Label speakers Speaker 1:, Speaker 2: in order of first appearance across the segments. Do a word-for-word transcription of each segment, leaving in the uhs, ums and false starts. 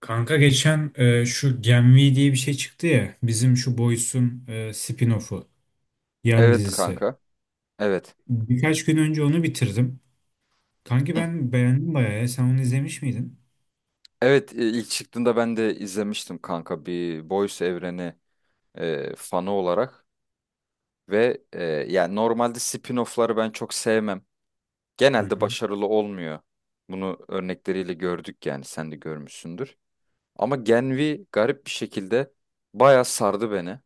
Speaker 1: Kanka geçen e, şu gen vi diye bir şey çıktı ya. Bizim şu Boys'un e, spin-off'u, yan
Speaker 2: Evet
Speaker 1: dizisi.
Speaker 2: kanka. Evet.
Speaker 1: Birkaç gün önce onu bitirdim. Kanki
Speaker 2: Hı.
Speaker 1: ben beğendim bayağı ya. Sen onu izlemiş miydin?
Speaker 2: Evet e, ilk çıktığında ben de izlemiştim kanka, bir Boys evreni e, fanı olarak ve e, yani normalde spin-off'ları ben çok sevmem.
Speaker 1: Hı
Speaker 2: Genelde
Speaker 1: hı.
Speaker 2: başarılı olmuyor. Bunu örnekleriyle gördük yani, sen de görmüşsündür. Ama Gen V garip bir şekilde bayağı sardı beni.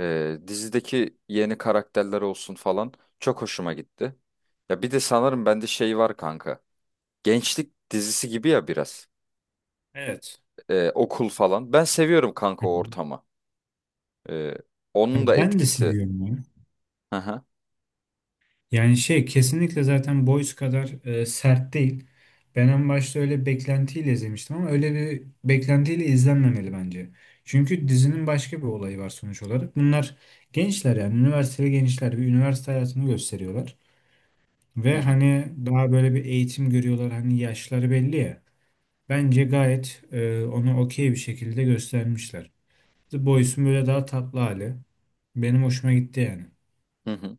Speaker 2: E, dizideki yeni karakterler olsun falan çok hoşuma gitti. Ya bir de sanırım bende şey var kanka. Gençlik dizisi gibi ya, biraz.
Speaker 1: Evet.
Speaker 2: E, okul falan. Ben seviyorum
Speaker 1: Hı
Speaker 2: kanka o
Speaker 1: hı.
Speaker 2: ortamı. E,
Speaker 1: Ya
Speaker 2: Onun da
Speaker 1: ben de
Speaker 2: etkisi.
Speaker 1: seviyorum ya.
Speaker 2: Hı hı.
Speaker 1: Yani şey kesinlikle zaten Boys kadar e, sert değil. Ben en başta öyle beklentiyle izlemiştim ama öyle bir beklentiyle izlenmemeli bence. Çünkü dizinin başka bir olayı var sonuç olarak. Bunlar gençler, yani üniversiteli gençler bir üniversite hayatını gösteriyorlar.
Speaker 2: Hı
Speaker 1: Ve
Speaker 2: hı.
Speaker 1: hani daha böyle bir eğitim görüyorlar, hani yaşları belli ya. Bence gayet e, onu okey bir şekilde göstermişler. The Boys'un böyle daha tatlı hali benim hoşuma gitti yani.
Speaker 2: Hı hı.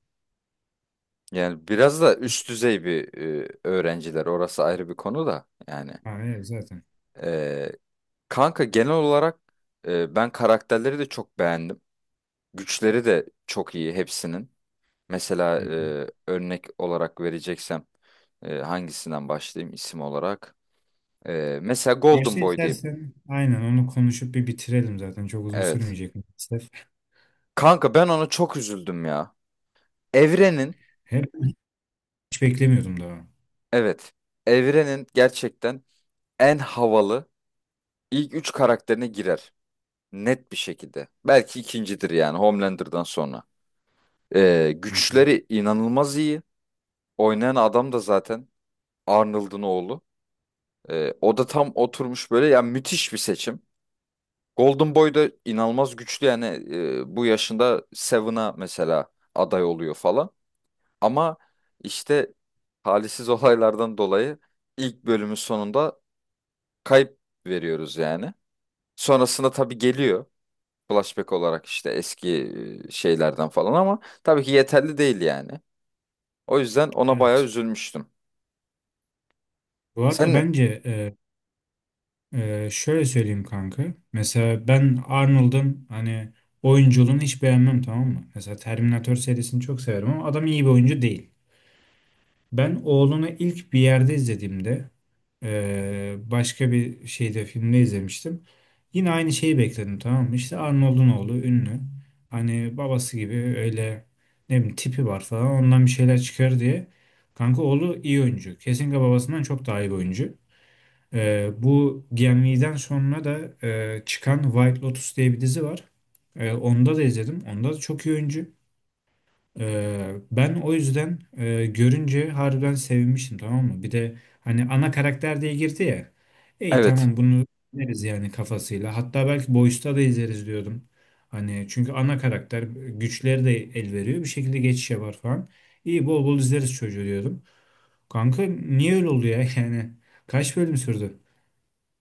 Speaker 2: Yani biraz da üst düzey bir e, öğrenciler. Orası ayrı bir konu da. Yani
Speaker 1: Ha, evet zaten.
Speaker 2: e, kanka, genel olarak e, ben karakterleri de çok beğendim. Güçleri de çok iyi hepsinin. Mesela
Speaker 1: Hı.
Speaker 2: e, örnek olarak vereceksem e, hangisinden başlayayım isim olarak? E, mesela
Speaker 1: Başta
Speaker 2: Golden Boy diyeyim.
Speaker 1: istersen aynen onu konuşup bir bitirelim zaten. Çok uzun
Speaker 2: Evet.
Speaker 1: sürmeyecek maalesef.
Speaker 2: Kanka ben ona çok üzüldüm ya. Evrenin
Speaker 1: Hep hiç beklemiyordum daha.
Speaker 2: Evet. Evrenin gerçekten en havalı ilk üç karakterine girer. Net bir şekilde. Belki ikincidir yani, Homelander'dan sonra. Ee,
Speaker 1: Hı hı.
Speaker 2: güçleri inanılmaz iyi. Oynayan adam da zaten Arnold'un oğlu. Ee, o da tam oturmuş böyle, yani müthiş bir seçim. Golden Boy da inanılmaz güçlü, yani e, bu yaşında Seven'a mesela aday oluyor falan. Ama işte talihsiz olaylardan dolayı ilk bölümün sonunda kayıp veriyoruz yani. Sonrasında tabii geliyor, flashback olarak işte eski e, şeylerden falan, ama tabii ki yeterli değil yani. O yüzden ona bayağı
Speaker 1: Evet.
Speaker 2: üzülmüştüm.
Speaker 1: Bu arada
Speaker 2: Sen
Speaker 1: bence e, e, şöyle söyleyeyim kanka. Mesela ben Arnold'un hani oyunculuğunu hiç beğenmem, tamam mı? Mesela Terminator serisini çok severim ama adam iyi bir oyuncu değil. Ben Oğlun'u ilk bir yerde izlediğimde, eee, başka bir şeyde, filmde izlemiştim. Yine aynı şeyi bekledim, tamam mı? İşte Arnold'un oğlu ünlü. Hani babası gibi öyle, ne bileyim, tipi var falan, ondan bir şeyler çıkar diye. Kanka oğlu iyi oyuncu. Kesinlikle babasından çok daha iyi bir oyuncu. Eee, bu Gemli'den sonra da eee, çıkan White Lotus diye bir dizi var. Eee, onda da izledim. Onda da çok iyi oyuncu. Ee, ben o yüzden e, görünce harbiden sevinmiştim, tamam mı? Bir de hani ana karakter diye girdi ya. İyi,
Speaker 2: evet,
Speaker 1: tamam, bunu izleriz yani kafasıyla. Hatta belki Boys'ta da izleriz diyordum. Hani çünkü ana karakter, güçleri de el veriyor. Bir şekilde geçiş yapar falan. İyi, bol bol izleriz çocuğu diyordum. Kanka niye öyle oldu ya yani? Kaç bölüm sürdü?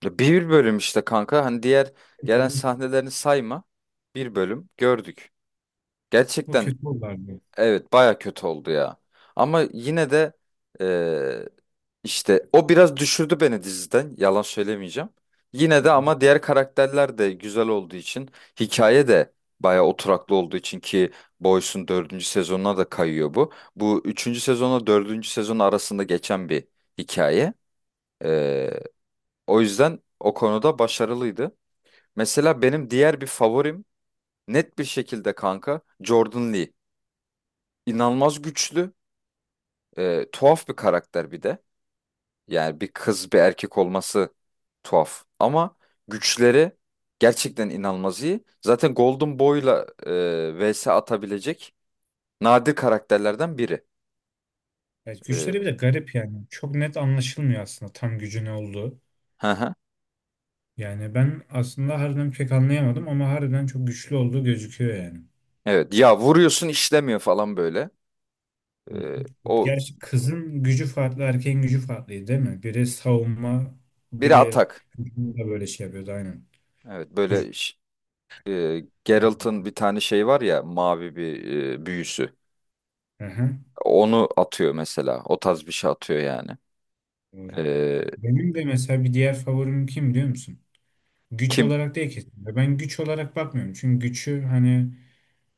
Speaker 2: bir bölüm işte kanka, hani diğer gelen sahnelerini sayma, bir bölüm gördük.
Speaker 1: O
Speaker 2: Gerçekten
Speaker 1: kötü oldu abi.
Speaker 2: Evet, baya kötü oldu ya. Ama yine de eee, işte o biraz düşürdü beni diziden. Yalan söylemeyeceğim. Yine
Speaker 1: Hı
Speaker 2: de
Speaker 1: hı.
Speaker 2: ama diğer karakterler de güzel olduğu için, hikaye de baya oturaklı olduğu için, ki Boys'un dördüncü sezonuna da kayıyor bu. Bu üçüncü sezonla dördüncü sezon arasında geçen bir hikaye. Eee, O yüzden o konuda başarılıydı. Mesela benim diğer bir favorim, net bir şekilde kanka, Jordan Lee. İnanılmaz güçlü. E, tuhaf bir karakter bir de. Yani bir kız bir erkek olması tuhaf. Ama güçleri gerçekten inanılmaz iyi. Zaten Golden Boy'la e, vs atabilecek nadir karakterlerden biri.
Speaker 1: Evet,
Speaker 2: E,
Speaker 1: güçleri bir de garip yani. Çok net anlaşılmıyor aslında tam gücü ne olduğu.
Speaker 2: hı hı.
Speaker 1: Yani ben aslında harbiden pek anlayamadım ama harbiden çok güçlü olduğu gözüküyor yani.
Speaker 2: Evet, ya vuruyorsun işlemiyor falan böyle.
Speaker 1: Hı hı.
Speaker 2: E, o
Speaker 1: Gerçi kızın gücü farklı, erkeğin gücü farklıydı değil mi? Biri savunma,
Speaker 2: Biri
Speaker 1: biri
Speaker 2: atak.
Speaker 1: hücumda böyle şey yapıyordu, aynen.
Speaker 2: Evet,
Speaker 1: Hücum.
Speaker 2: böyle ş- e,
Speaker 1: Evet.
Speaker 2: Geralt'ın bir tane şey var ya, mavi bir e, büyüsü.
Speaker 1: Aha,
Speaker 2: Onu atıyor mesela. O tarz bir şey atıyor yani.
Speaker 1: doğru.
Speaker 2: E,
Speaker 1: Benim de mesela bir diğer favorim kim biliyor musun? Güç
Speaker 2: Kim?
Speaker 1: olarak değil kesinlikle. Ben güç olarak bakmıyorum. Çünkü gücü hani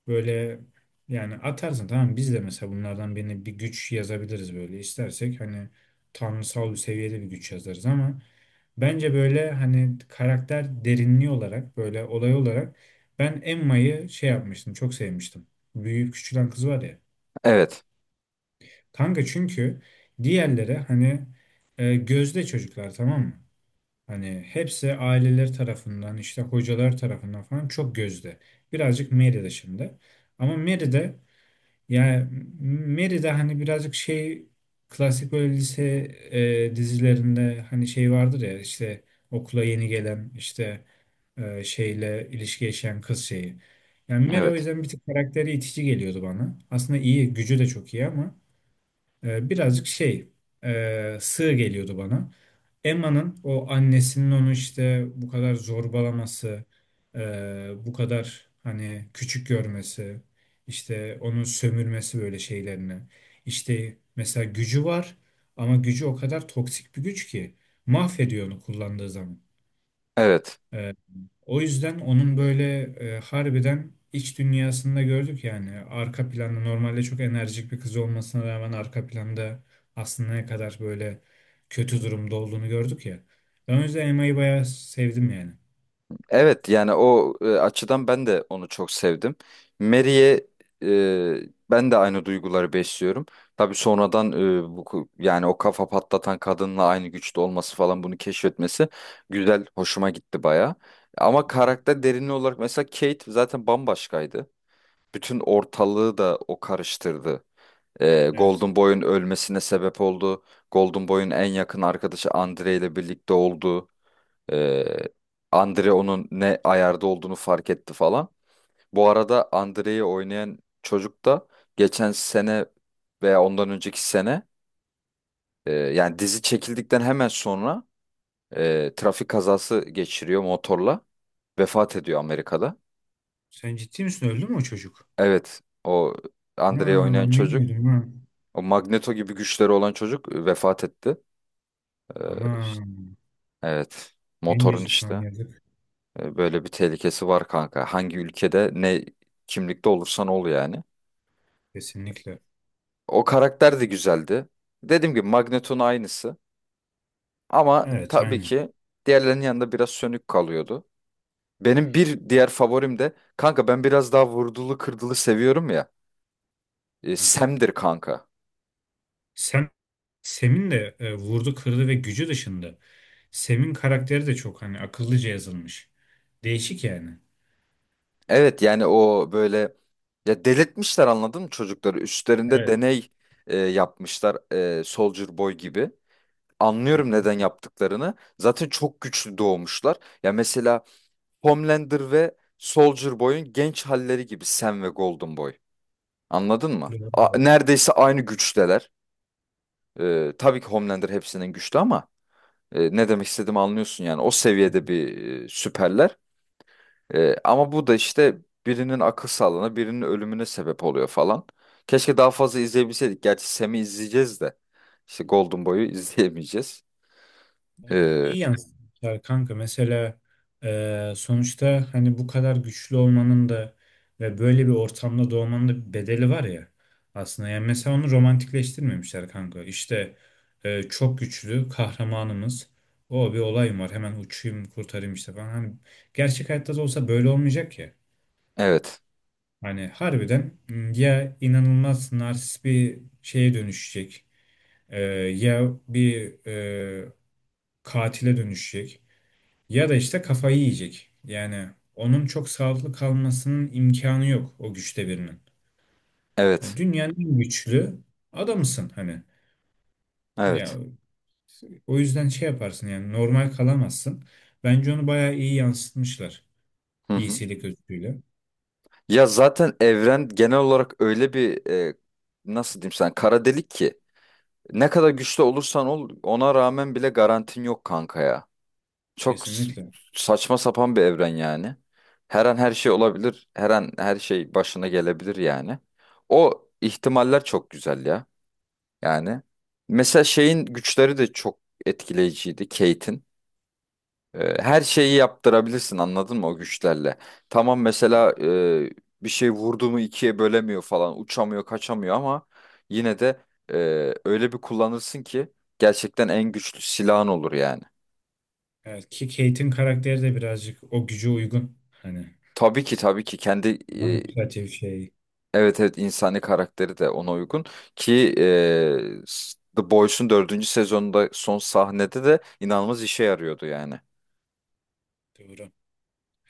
Speaker 1: böyle, yani atarsın, tamam, biz de mesela bunlardan birine bir güç yazabiliriz böyle istersek, hani tanrısal bir seviyede bir güç yazarız ama bence böyle hani karakter derinliği olarak, böyle olay olarak, ben Emma'yı şey yapmıştım, çok sevmiştim. Büyüyüp küçülen kız var ya.
Speaker 2: Evet.
Speaker 1: Kanka çünkü diğerleri hani e, gözde çocuklar, tamam mı? Hani hepsi aileleri tarafından, işte hocalar tarafından falan çok gözde. Birazcık Mary de şimdi. Ama Mary de, yani Mary de hani birazcık şey, klasik böyle lise e, dizilerinde hani şey vardır ya, işte okula yeni gelen, işte e, şeyle ilişki yaşayan kız şeyi. Yani Mary o
Speaker 2: Evet.
Speaker 1: yüzden bir tık karakteri itici geliyordu bana. Aslında iyi, gücü de çok iyi ama e, birazcık şey, e, sığ geliyordu bana. Emma'nın o annesinin onu işte bu kadar zorbalaması, e, bu kadar hani küçük görmesi, işte onu sömürmesi, böyle şeylerini. İşte mesela gücü var ama gücü o kadar toksik bir güç ki mahvediyor onu kullandığı zaman.
Speaker 2: Evet.
Speaker 1: Ee, o yüzden onun böyle e, harbiden iç dünyasında gördük, yani arka planda normalde çok enerjik bir kız olmasına rağmen, arka planda aslında ne kadar böyle kötü durumda olduğunu gördük ya. Ben o yüzden Emma'yı bayağı sevdim yani.
Speaker 2: Evet, yani o e, açıdan ben de onu çok sevdim. Mary'e e, ben de aynı duyguları besliyorum. Tabii sonradan e, bu ku- yani o kafa patlatan kadınla aynı güçte olması falan, bunu keşfetmesi güzel, hoşuma gitti baya. Ama karakter derinliği olarak mesela Kate zaten bambaşkaydı. Bütün ortalığı da o karıştırdı. E,
Speaker 1: Evet.
Speaker 2: Golden Boy'un ölmesine sebep oldu. Golden Boy'un en yakın arkadaşı Andre ile birlikte oldu. Ee, Andre onun ne ayarda olduğunu fark etti falan. Bu arada Andre'yi oynayan çocuk da geçen sene veya ondan önceki sene, e, yani dizi çekildikten hemen sonra e, trafik kazası geçiriyor motorla. Vefat ediyor Amerika'da.
Speaker 1: Sen ciddi misin? Öldü mü o çocuk?
Speaker 2: Evet, o Andre'yi
Speaker 1: Ana,
Speaker 2: oynayan
Speaker 1: ben
Speaker 2: çocuk,
Speaker 1: bilmiyordum ha.
Speaker 2: o Magneto gibi güçleri olan çocuk e, vefat etti. Ee,
Speaker 1: Ana
Speaker 2: evet, motorun
Speaker 1: gencecik lan,
Speaker 2: işte
Speaker 1: yazık.
Speaker 2: e, böyle bir tehlikesi var kanka. Hangi ülkede, ne kimlikte olursan ol yani.
Speaker 1: Kesinlikle.
Speaker 2: O karakter de güzeldi. Dediğim gibi Magneto'nun aynısı. Ama
Speaker 1: Evet,
Speaker 2: tabii
Speaker 1: aynen.
Speaker 2: ki diğerlerinin yanında biraz sönük kalıyordu. Benim bir diğer favorim de kanka, ben biraz daha vurdulu kırdılı seviyorum ya. E,
Speaker 1: Hı hı.
Speaker 2: Sam'dir kanka.
Speaker 1: Sen Sem'in de e, vurdu kırdı ve gücü dışında Sem'in karakteri de çok hani akıllıca yazılmış. Değişik yani.
Speaker 2: Evet, yani o böyle, ya delirtmişler, anladın mı çocukları? Üstlerinde
Speaker 1: Evet.
Speaker 2: deney e, yapmışlar, e, Soldier Boy gibi.
Speaker 1: Hı
Speaker 2: Anlıyorum
Speaker 1: hı.
Speaker 2: neden yaptıklarını. Zaten çok güçlü doğmuşlar. Ya mesela Homelander ve Soldier Boy'un genç halleri gibi Sam ve Golden Boy. Anladın mı?
Speaker 1: Doğru,
Speaker 2: A-
Speaker 1: evet.
Speaker 2: neredeyse aynı güçteler. Ee, tabii ki Homelander hepsinin güçlü ama e, ne demek istediğimi anlıyorsun yani. O
Speaker 1: Hı
Speaker 2: seviyede
Speaker 1: hı.
Speaker 2: bir e, süperler. E, ama bu da işte birinin akıl sağlığına, birinin ölümüne sebep oluyor falan. Keşke daha fazla izleyebilseydik. Gerçi Sam'i izleyeceğiz de. İşte Golden Boy'u izleyemeyeceğiz.
Speaker 1: Onu
Speaker 2: Ee,
Speaker 1: iyi yansıtmışlar kanka. Mesela e, sonuçta hani bu kadar güçlü olmanın da ve böyle bir ortamda doğmanın da bir bedeli var ya aslında. Yani mesela onu romantikleştirmemişler kanka. İşte e, çok güçlü kahramanımız. O bir olayım var. Hemen uçayım, kurtarayım işte falan. Hani gerçek hayatta da olsa böyle olmayacak ya.
Speaker 2: evet,
Speaker 1: Hani harbiden ya inanılmaz narsist bir şeye dönüşecek, e, ya bir, e, katile dönüşecek ya da işte kafayı yiyecek. Yani onun çok sağlıklı kalmasının imkanı yok, o güçte birinin. Ya,
Speaker 2: evet,
Speaker 1: dünyanın en güçlü adamısın hani. Ya
Speaker 2: evet.
Speaker 1: o yüzden şey yaparsın yani, normal kalamazsın. Bence onu bayağı iyi yansıtmışlar
Speaker 2: Hı hı.
Speaker 1: iyisilik özgüyle.
Speaker 2: Ya zaten evren genel olarak öyle bir e, nasıl diyeyim sana, kara delik ki. Ne kadar güçlü olursan ol, ona rağmen bile garantin yok kanka ya. Çok s-
Speaker 1: Kesinlikle.
Speaker 2: saçma sapan bir evren yani. Her an her şey olabilir. Her an her şey başına gelebilir yani. O ihtimaller çok güzel ya. Yani mesela şeyin güçleri de çok etkileyiciydi, Kate'in. E, Her şeyi yaptırabilirsin, anladın mı, o güçlerle? Tamam,
Speaker 1: Yani,
Speaker 2: mesela e, bir şey vurdu mu ikiye bölemiyor falan, uçamıyor, kaçamıyor, ama yine de e, öyle bir kullanırsın ki gerçekten en güçlü silahın olur yani.
Speaker 1: evet, ki Kate'in karakteri de birazcık o güce uygun. Hani
Speaker 2: Tabii ki tabii ki kendi
Speaker 1: manipülatif şey.
Speaker 2: e, evet, evet, insani karakteri de ona uygun, ki e, s- The Boys'un dördüncü sezonunda son sahnede de inanılmaz işe yarıyordu yani.
Speaker 1: Doğru.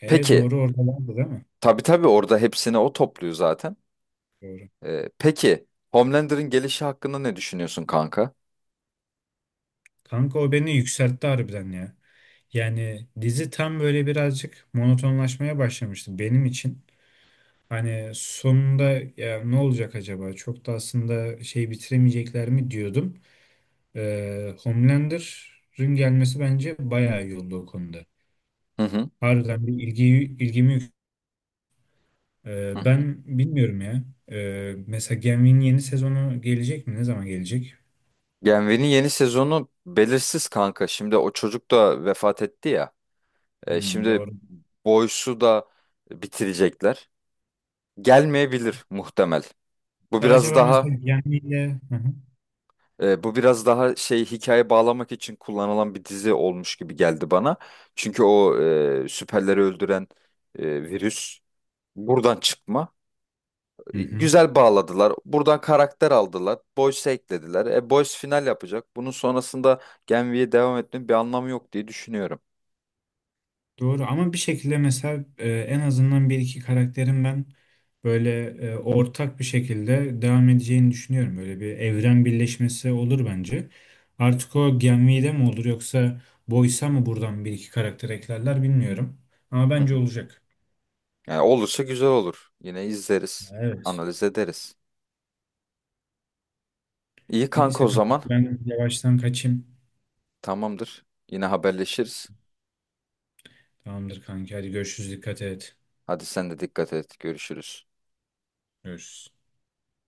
Speaker 1: E
Speaker 2: Peki,
Speaker 1: doğru oradalardı değil mi?
Speaker 2: tabii tabii, orada hepsini o topluyor zaten.
Speaker 1: Doğru.
Speaker 2: Ee, peki, Homelander'ın gelişi hakkında ne düşünüyorsun kanka?
Speaker 1: Kanka o beni yükseltti harbiden ya. Yani dizi tam böyle birazcık monotonlaşmaya başlamıştı benim için. Hani sonunda, ya ne olacak acaba? Çok da aslında şey, bitiremeyecekler mi diyordum. Ee, Homelander'ın gelmesi bence bayağı iyi oldu o konuda.
Speaker 2: Hı hı.
Speaker 1: Harbiden bir ilgi ilgimi yük-.
Speaker 2: Hı.
Speaker 1: Ee, ben bilmiyorum ya. Ee, mesela gen vinin yeni sezonu gelecek mi? Ne zaman gelecek?
Speaker 2: Genvi'nin yeni sezonu belirsiz kanka. Şimdi o çocuk da vefat etti ya. Ee,
Speaker 1: Hmm,
Speaker 2: şimdi
Speaker 1: doğru.
Speaker 2: Boyce'u da bitirecekler. Gelmeyebilir muhtemel. Bu
Speaker 1: Ya
Speaker 2: biraz
Speaker 1: acaba
Speaker 2: daha
Speaker 1: mesela gemiyle. Hı hı.
Speaker 2: e, bu biraz daha şey, hikaye bağlamak için kullanılan bir dizi olmuş gibi geldi bana. Çünkü o e, süperleri öldüren e, virüs buradan çıkma.
Speaker 1: Hı hı.
Speaker 2: Güzel bağladılar. Buradan karakter aldılar. Boyce eklediler. E Boyce final yapacak. Bunun sonrasında Gen devam etmenin bir anlamı yok diye düşünüyorum.
Speaker 1: Doğru ama bir şekilde mesela e, en azından bir iki karakterin ben böyle e, ortak bir şekilde devam edeceğini düşünüyorum. Böyle bir evren birleşmesi olur bence. Artık o Genvi'de mi olur yoksa Boysa mı, buradan bir iki karakter eklerler bilmiyorum. Ama
Speaker 2: Hı
Speaker 1: bence
Speaker 2: hı.
Speaker 1: olacak.
Speaker 2: Yani olursa güzel olur. Yine izleriz.
Speaker 1: Evet.
Speaker 2: Analiz ederiz. İyi kanka o
Speaker 1: Neyse kanka,
Speaker 2: zaman.
Speaker 1: ben yavaştan kaçayım.
Speaker 2: Tamamdır. Yine haberleşiriz.
Speaker 1: Tamamdır kanka, hadi görüşürüz, dikkat et.
Speaker 2: Hadi sen de dikkat et. Görüşürüz.
Speaker 1: Görüşürüz.